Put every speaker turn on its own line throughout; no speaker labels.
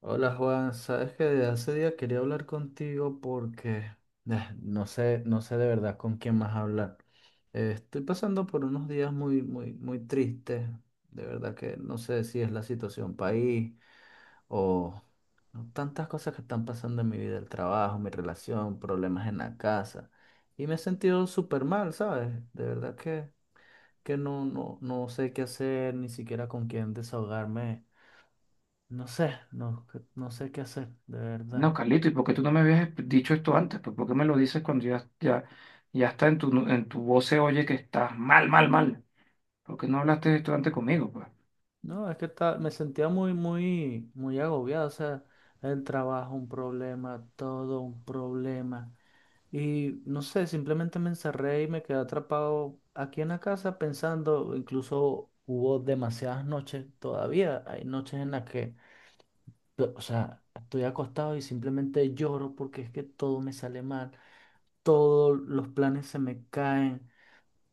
Hola Juan, sabes que desde hace día quería hablar contigo porque no sé, no sé de verdad con quién más hablar. Estoy pasando por unos días muy, muy, muy tristes. De verdad que no sé si es la situación país o ¿no? Tantas cosas que están pasando en mi vida, el trabajo, mi relación, problemas en la casa. Y me he sentido súper mal, ¿sabes? De verdad que no sé qué hacer, ni siquiera con quién desahogarme. No sé, no, no sé qué hacer, de
No,
verdad.
Carlito, ¿y por qué tú no me habías dicho esto antes? Pues, ¿por qué me lo dices cuando ya está en tu voz se oye que estás mal, mal, mal? ¿Por qué no hablaste de esto antes conmigo, pues?
No, es que me sentía muy, muy, muy agobiado. O sea, el trabajo, un problema, todo un problema. Y no sé, simplemente me encerré y me quedé atrapado aquí en la casa pensando, incluso hubo demasiadas noches, todavía hay noches en las que, o sea, estoy acostado y simplemente lloro porque es que todo me sale mal, todos los planes se me caen.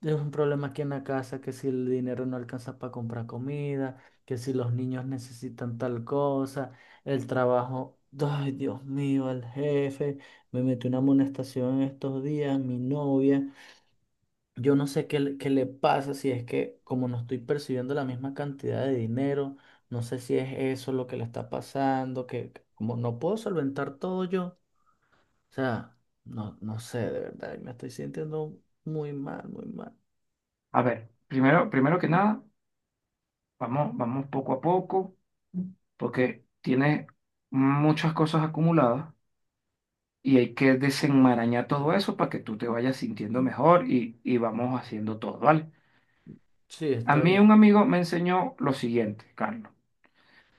Es un problema aquí en la casa, que si el dinero no alcanza para comprar comida, que si los niños necesitan tal cosa, el trabajo, ay Dios mío, el jefe, me metió una amonestación estos días, mi novia, yo no sé qué, qué le pasa, si es que como no estoy percibiendo la misma cantidad de dinero, no sé si es eso lo que le está pasando, que como no puedo solventar todo yo, o sea, no, no sé, de verdad, me estoy sintiendo muy mal, muy mal.
A ver, primero, primero que nada, vamos, vamos poco a poco, porque tienes muchas cosas acumuladas y hay que desenmarañar todo eso para que tú te vayas sintiendo mejor y vamos haciendo todo, ¿vale?
Sí,
A mí
estoy.
un amigo me enseñó lo siguiente, Carlos.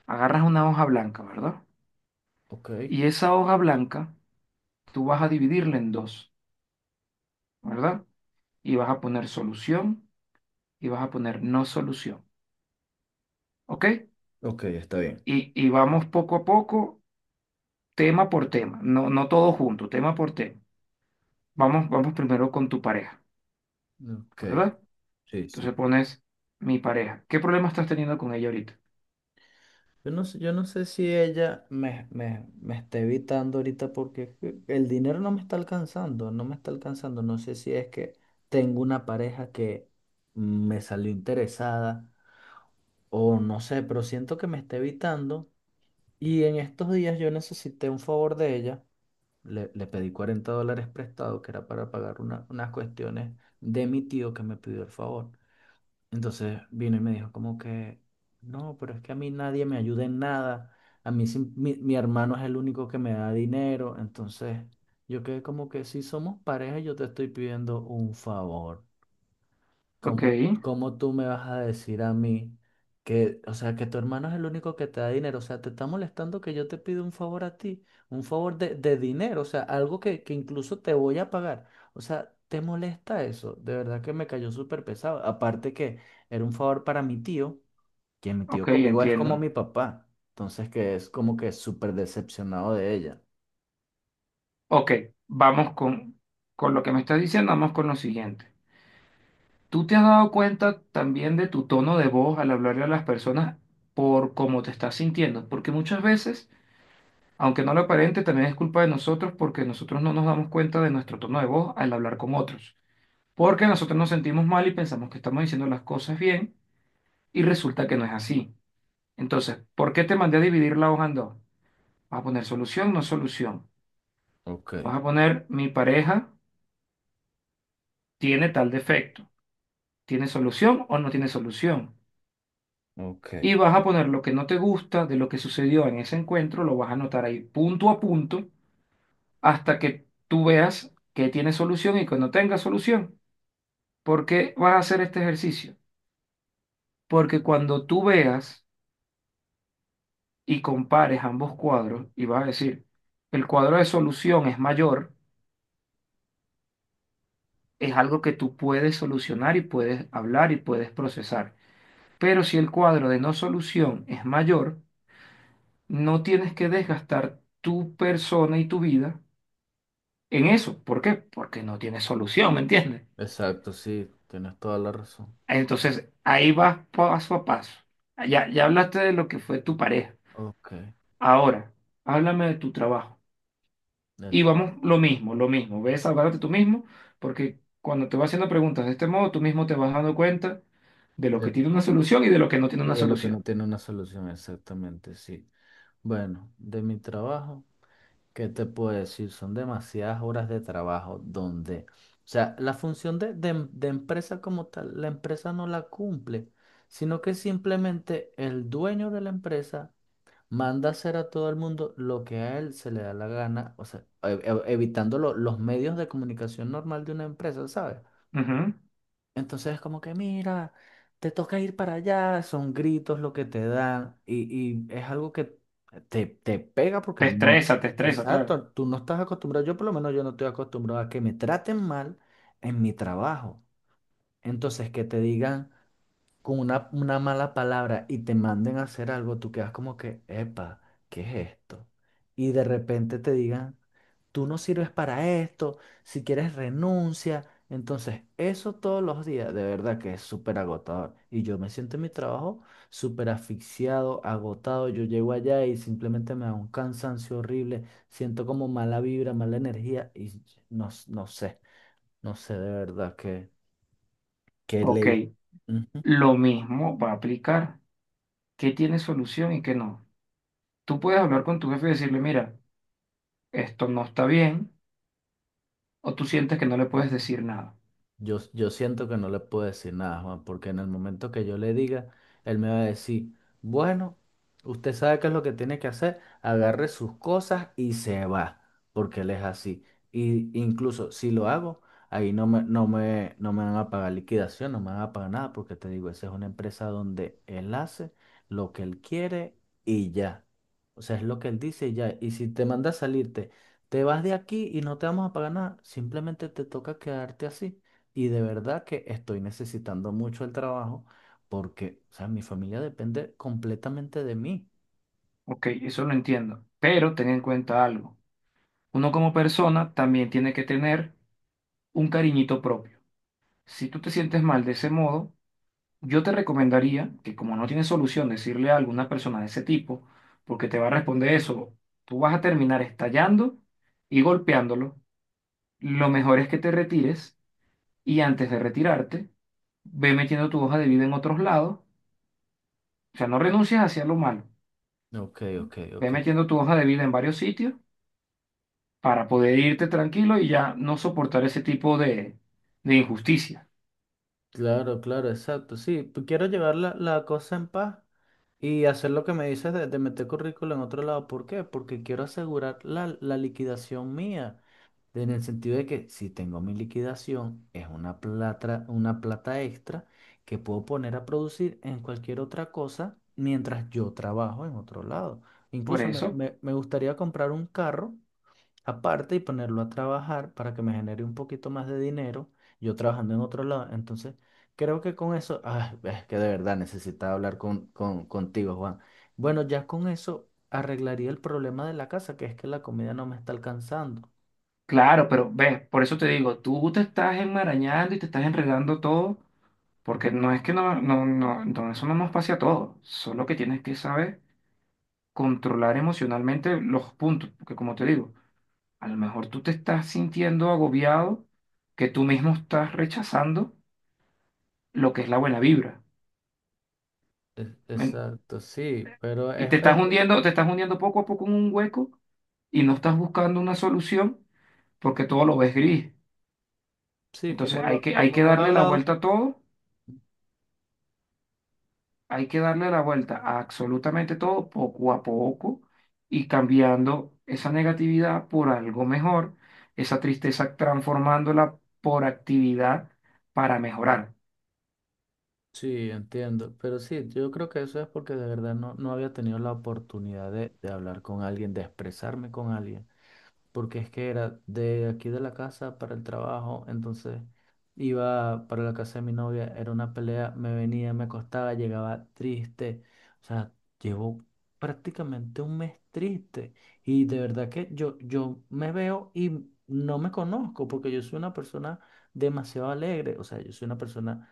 Agarras una hoja blanca, ¿verdad?
Ok,
Y esa hoja blanca tú vas a dividirla en dos, ¿verdad? Y vas a poner solución y vas a poner no solución, ¿ok?
ok, está bien.
Y vamos poco a poco, tema por tema, no, no todo junto, tema por tema. Vamos, vamos primero con tu pareja,
Ok,
¿verdad?
sí,
Entonces
sí.
pones mi pareja. ¿Qué problema estás teniendo con ella ahorita?
Yo no sé si ella me está evitando ahorita porque es que el dinero no me está alcanzando, no me está alcanzando. No sé si es que tengo una pareja que me salió interesada o no sé, pero siento que me está evitando. Y en estos días yo necesité un favor de ella. Le pedí $40 prestado, que era para pagar unas cuestiones de mi tío que me pidió el favor. Entonces vino y me dijo como que, no, pero es que a mí nadie me ayuda en nada, a mí mi hermano es el único que me da dinero, entonces yo quedé como que si somos pareja yo te estoy pidiendo un favor.
Ok,
¿Cómo, cómo tú me vas a decir a mí que, o sea, que tu hermano es el único que te da dinero? O sea, te está molestando que yo te pido un favor a ti, un favor de dinero, o sea, algo que incluso te voy a pagar. O sea, ¿te molesta eso? De verdad que me cayó súper pesado. Aparte que era un favor para mi tío, que mi
ok,
tío conmigo es como
entiendo.
mi papá. Entonces, que es como que súper decepcionado de ella.
Ok, vamos con lo que me estás diciendo, vamos con lo siguiente. ¿Tú te has dado cuenta también de tu tono de voz al hablarle a las personas por cómo te estás sintiendo? Porque muchas veces, aunque no lo aparente, también es culpa de nosotros porque nosotros no nos damos cuenta de nuestro tono de voz al hablar con otros. Porque nosotros nos sentimos mal y pensamos que estamos diciendo las cosas bien y resulta que no es así. Entonces, ¿por qué te mandé a dividir la hoja en dos? Vas a poner solución, no solución.
Ok,
Vas a poner mi pareja tiene tal defecto. ¿Tiene solución o no tiene solución?
ok.
Y vas a poner lo que no te gusta de lo que sucedió en ese encuentro, lo vas a anotar ahí punto a punto hasta que tú veas que tiene solución y que no tenga solución. ¿Por qué vas a hacer este ejercicio? Porque cuando tú veas y compares ambos cuadros y vas a decir, el cuadro de solución es mayor, es algo que tú puedes solucionar y puedes hablar y puedes procesar. Pero si el cuadro de no solución es mayor, no tienes que desgastar tu persona y tu vida en eso. ¿Por qué? Porque no tiene solución, ¿me entiendes?
Exacto, sí, tienes toda la razón.
Entonces, ahí vas paso a paso. Ya, ya hablaste de lo que fue tu pareja.
Ok,
Ahora, háblame de tu trabajo.
del
Y
trato.
vamos, lo mismo, lo mismo. Ves, háblate tú mismo, porque cuando te vas haciendo preguntas de este modo, tú mismo te vas dando cuenta de lo que tiene una solución y de lo que no tiene
Sí,
una
de lo que no
solución.
tiene una solución, exactamente, sí. Bueno, de mi trabajo, ¿qué te puedo decir? Son demasiadas horas de trabajo donde, o sea, la función de empresa como tal, la empresa no la cumple, sino que simplemente el dueño de la empresa manda hacer a todo el mundo lo que a él se le da la gana, o sea, evitando los medios de comunicación normal de una empresa, ¿sabes?
Ujú.
Entonces es como que, mira, te toca ir para allá, son gritos lo que te dan y es algo que te pega porque no,
Te estresa, claro.
exacto, tú no estás acostumbrado, yo por lo menos yo no estoy acostumbrado a que me traten mal en mi trabajo. Entonces que te digan con una mala palabra y te manden a hacer algo, tú quedas como que, epa, ¿qué es esto? Y de repente te digan, tú no sirves para esto, si quieres renuncia. Entonces, eso todos los días, de verdad que es súper agotador. Y yo me siento en mi trabajo súper asfixiado, agotado. Yo llego allá y simplemente me da un cansancio horrible, siento como mala vibra, mala energía y no, no sé, no sé de verdad qué, qué
Ok,
ley.
lo mismo va a aplicar. ¿Qué tiene solución y qué no? Tú puedes hablar con tu jefe y decirle, mira, esto no está bien o tú sientes que no le puedes decir nada.
Yo siento que no le puedo decir nada, Juan, porque en el momento que yo le diga, él me va a decir, bueno, usted sabe qué es lo que tiene que hacer, agarre sus cosas y se va, porque él es así. Y incluso si lo hago, ahí no me van a pagar liquidación, no me van a pagar nada, porque te digo, esa es una empresa donde él hace lo que él quiere y ya. O sea, es lo que él dice y ya. Y si te manda a salirte, te vas de aquí y no te vamos a pagar nada, simplemente te toca quedarte así. Y de verdad que estoy necesitando mucho el trabajo porque, o sea, mi familia depende completamente de mí.
Ok, eso lo entiendo, pero ten en cuenta algo. Uno como persona también tiene que tener un cariñito propio. Si tú te sientes mal de ese modo, yo te recomendaría que como no tienes solución decirle a alguna persona de ese tipo, porque te va a responder eso, tú vas a terminar estallando y golpeándolo. Lo mejor es que te retires y antes de retirarte, ve metiendo tu hoja de vida en otros lados. O sea, no renuncies hacia lo malo.
Ok, ok,
Ve
ok.
metiendo tu hoja de vida en varios sitios para poder irte tranquilo y ya no soportar ese tipo de injusticia.
Claro, claro, exacto. Sí, pues quiero llevar la cosa en paz y hacer lo que me dices de meter currículo en otro lado. ¿Por qué? Porque quiero asegurar la liquidación mía. En el sentido de que si tengo mi liquidación, es una plata extra que puedo poner a producir en cualquier otra cosa mientras yo trabajo en otro lado.
Por
Incluso
eso,
me gustaría comprar un carro aparte y ponerlo a trabajar para que me genere un poquito más de dinero, yo trabajando en otro lado. Entonces, creo que con eso, ay es que de verdad necesitaba hablar contigo, Juan. Bueno, ya con eso arreglaría el problema de la casa, que es que la comida no me está alcanzando.
claro, pero ves, por eso te digo, tú te estás enmarañando y te estás enredando todo, porque no es que no, eso no nos pase a todos, solo que tienes que saber controlar emocionalmente los puntos, porque como te digo, a lo mejor tú te estás sintiendo agobiado, que tú mismo estás rechazando lo que es la buena vibra. ¿Me-
Exacto, sí, pero
Y te estás hundiendo poco a poco en un hueco y no estás buscando una solución porque todo lo ves gris.
sí,
Entonces hay que, hay
como
que
no he
darle la
hablado,
vuelta a todo, hay que darle la vuelta a absolutamente todo poco a poco y cambiando esa negatividad por algo mejor, esa tristeza transformándola por actividad para mejorar.
sí, entiendo, pero sí, yo creo que eso es porque de verdad no, no había tenido la oportunidad de hablar con alguien, de expresarme con alguien. Porque es que era de aquí de la casa para el trabajo, entonces iba para la casa de mi novia, era una pelea, me venía, me acostaba, llegaba triste, o sea, llevo prácticamente un mes triste y de verdad que yo me veo y no me conozco porque yo soy una persona demasiado alegre, o sea, yo soy una persona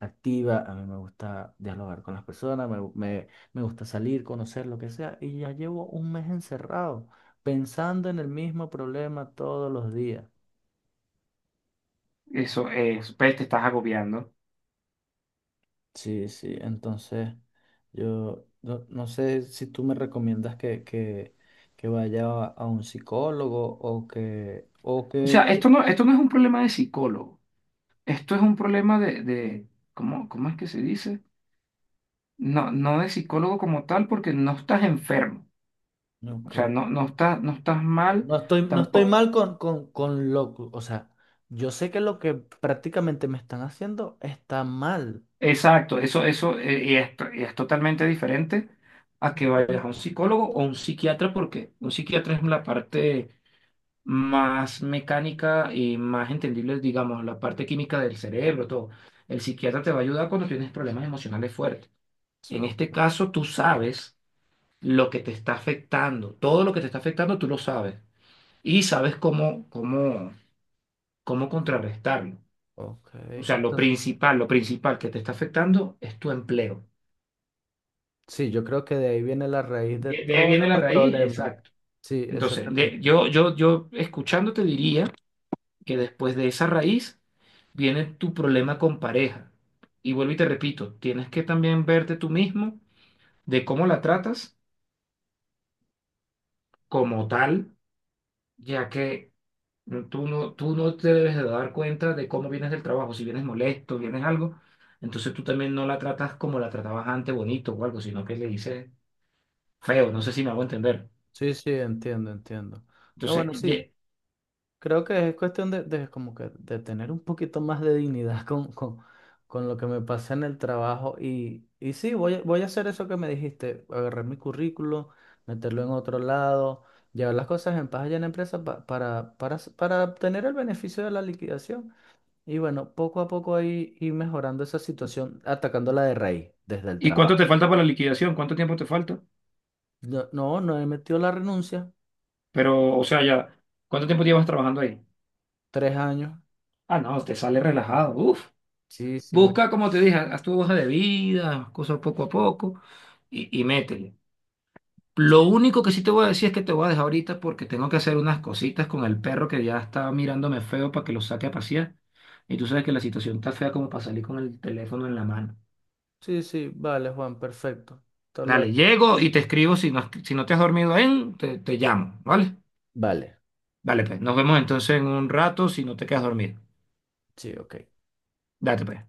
activa, a mí me gusta dialogar con las personas, me gusta salir, conocer lo que sea, y ya llevo un mes encerrado, pensando en el mismo problema todos los días.
Eso es, ves, te estás agobiando.
Sí, sí, entonces yo no, no sé si tú me recomiendas que vaya a un psicólogo o
O sea,
que,
esto no es un problema de psicólogo, esto es un problema de ¿cómo, cómo es que se dice? No, no de psicólogo como tal, porque no estás enfermo,
no,
o sea, no estás mal
no estoy, no estoy
tampoco.
mal con lo, o sea, yo sé que lo que prácticamente me están haciendo está mal.
Exacto, eso, y es, y es totalmente diferente a que vayas a un psicólogo o un psiquiatra, porque un psiquiatra es la parte más mecánica y más entendible, digamos, la parte química del cerebro, todo. El psiquiatra te va a ayudar cuando tienes problemas emocionales fuertes. En este caso, tú sabes lo que te está afectando, todo lo que te está afectando, tú lo sabes y sabes cómo, cómo cómo contrarrestarlo.
Ok,
O sea,
entonces,
lo principal que te está afectando es tu empleo.
sí, yo creo que de ahí viene la raíz de
De ahí
todos
viene la
los
raíz,
problemas.
exacto.
Sí,
Entonces, de-
exactamente.
yo, yo, yo escuchándote diría que después de esa raíz viene tu problema con pareja. Y vuelvo y te repito, tienes que también verte tú mismo de cómo la tratas como tal, ya que no, tú tú no te debes de dar cuenta de cómo vienes del trabajo. Si vienes molesto, vienes algo, entonces tú también no la tratas como la tratabas antes, bonito o algo, sino que le dices feo. No sé si me hago entender.
Sí, sí, entiendo, entiendo. No,
Entonces,
bueno, sí, creo que es cuestión de como que de tener un poquito más de dignidad con lo que me pasa en el trabajo. Y sí, voy a hacer eso que me dijiste, agarrar mi currículo, meterlo en otro lado, llevar las cosas en paz allá en la empresa para obtener el beneficio de la liquidación. Y bueno, poco a poco ahí ir mejorando esa situación, atacándola de raíz, desde el
¿y cuánto
trabajo.
te falta para la liquidación? ¿Cuánto tiempo te falta?
No, no, no he metido la renuncia.
Pero, o sea, ya, ¿cuánto tiempo llevas trabajando ahí?
3 años.
Ah, no, te sale relajado. Uf.
Sí, sí, me...
Busca, como te dije, haz tu hoja de vida, cosas poco a poco y métele. Lo
sí,
único que sí te voy a decir es que te voy a dejar ahorita porque tengo que hacer unas cositas con el perro que ya está mirándome feo para que lo saque a pasear. Y tú sabes que la situación está fea como para salir con el teléfono en la mano.
sí, sí, vale, Juan, perfecto. Hasta
Dale,
luego.
llego y te escribo. Si no, si no te has dormido en, te llamo, ¿vale?
Vale,
Dale, pues. Nos vemos entonces en un rato si no te quedas dormido.
sí, ok.
Date, pues.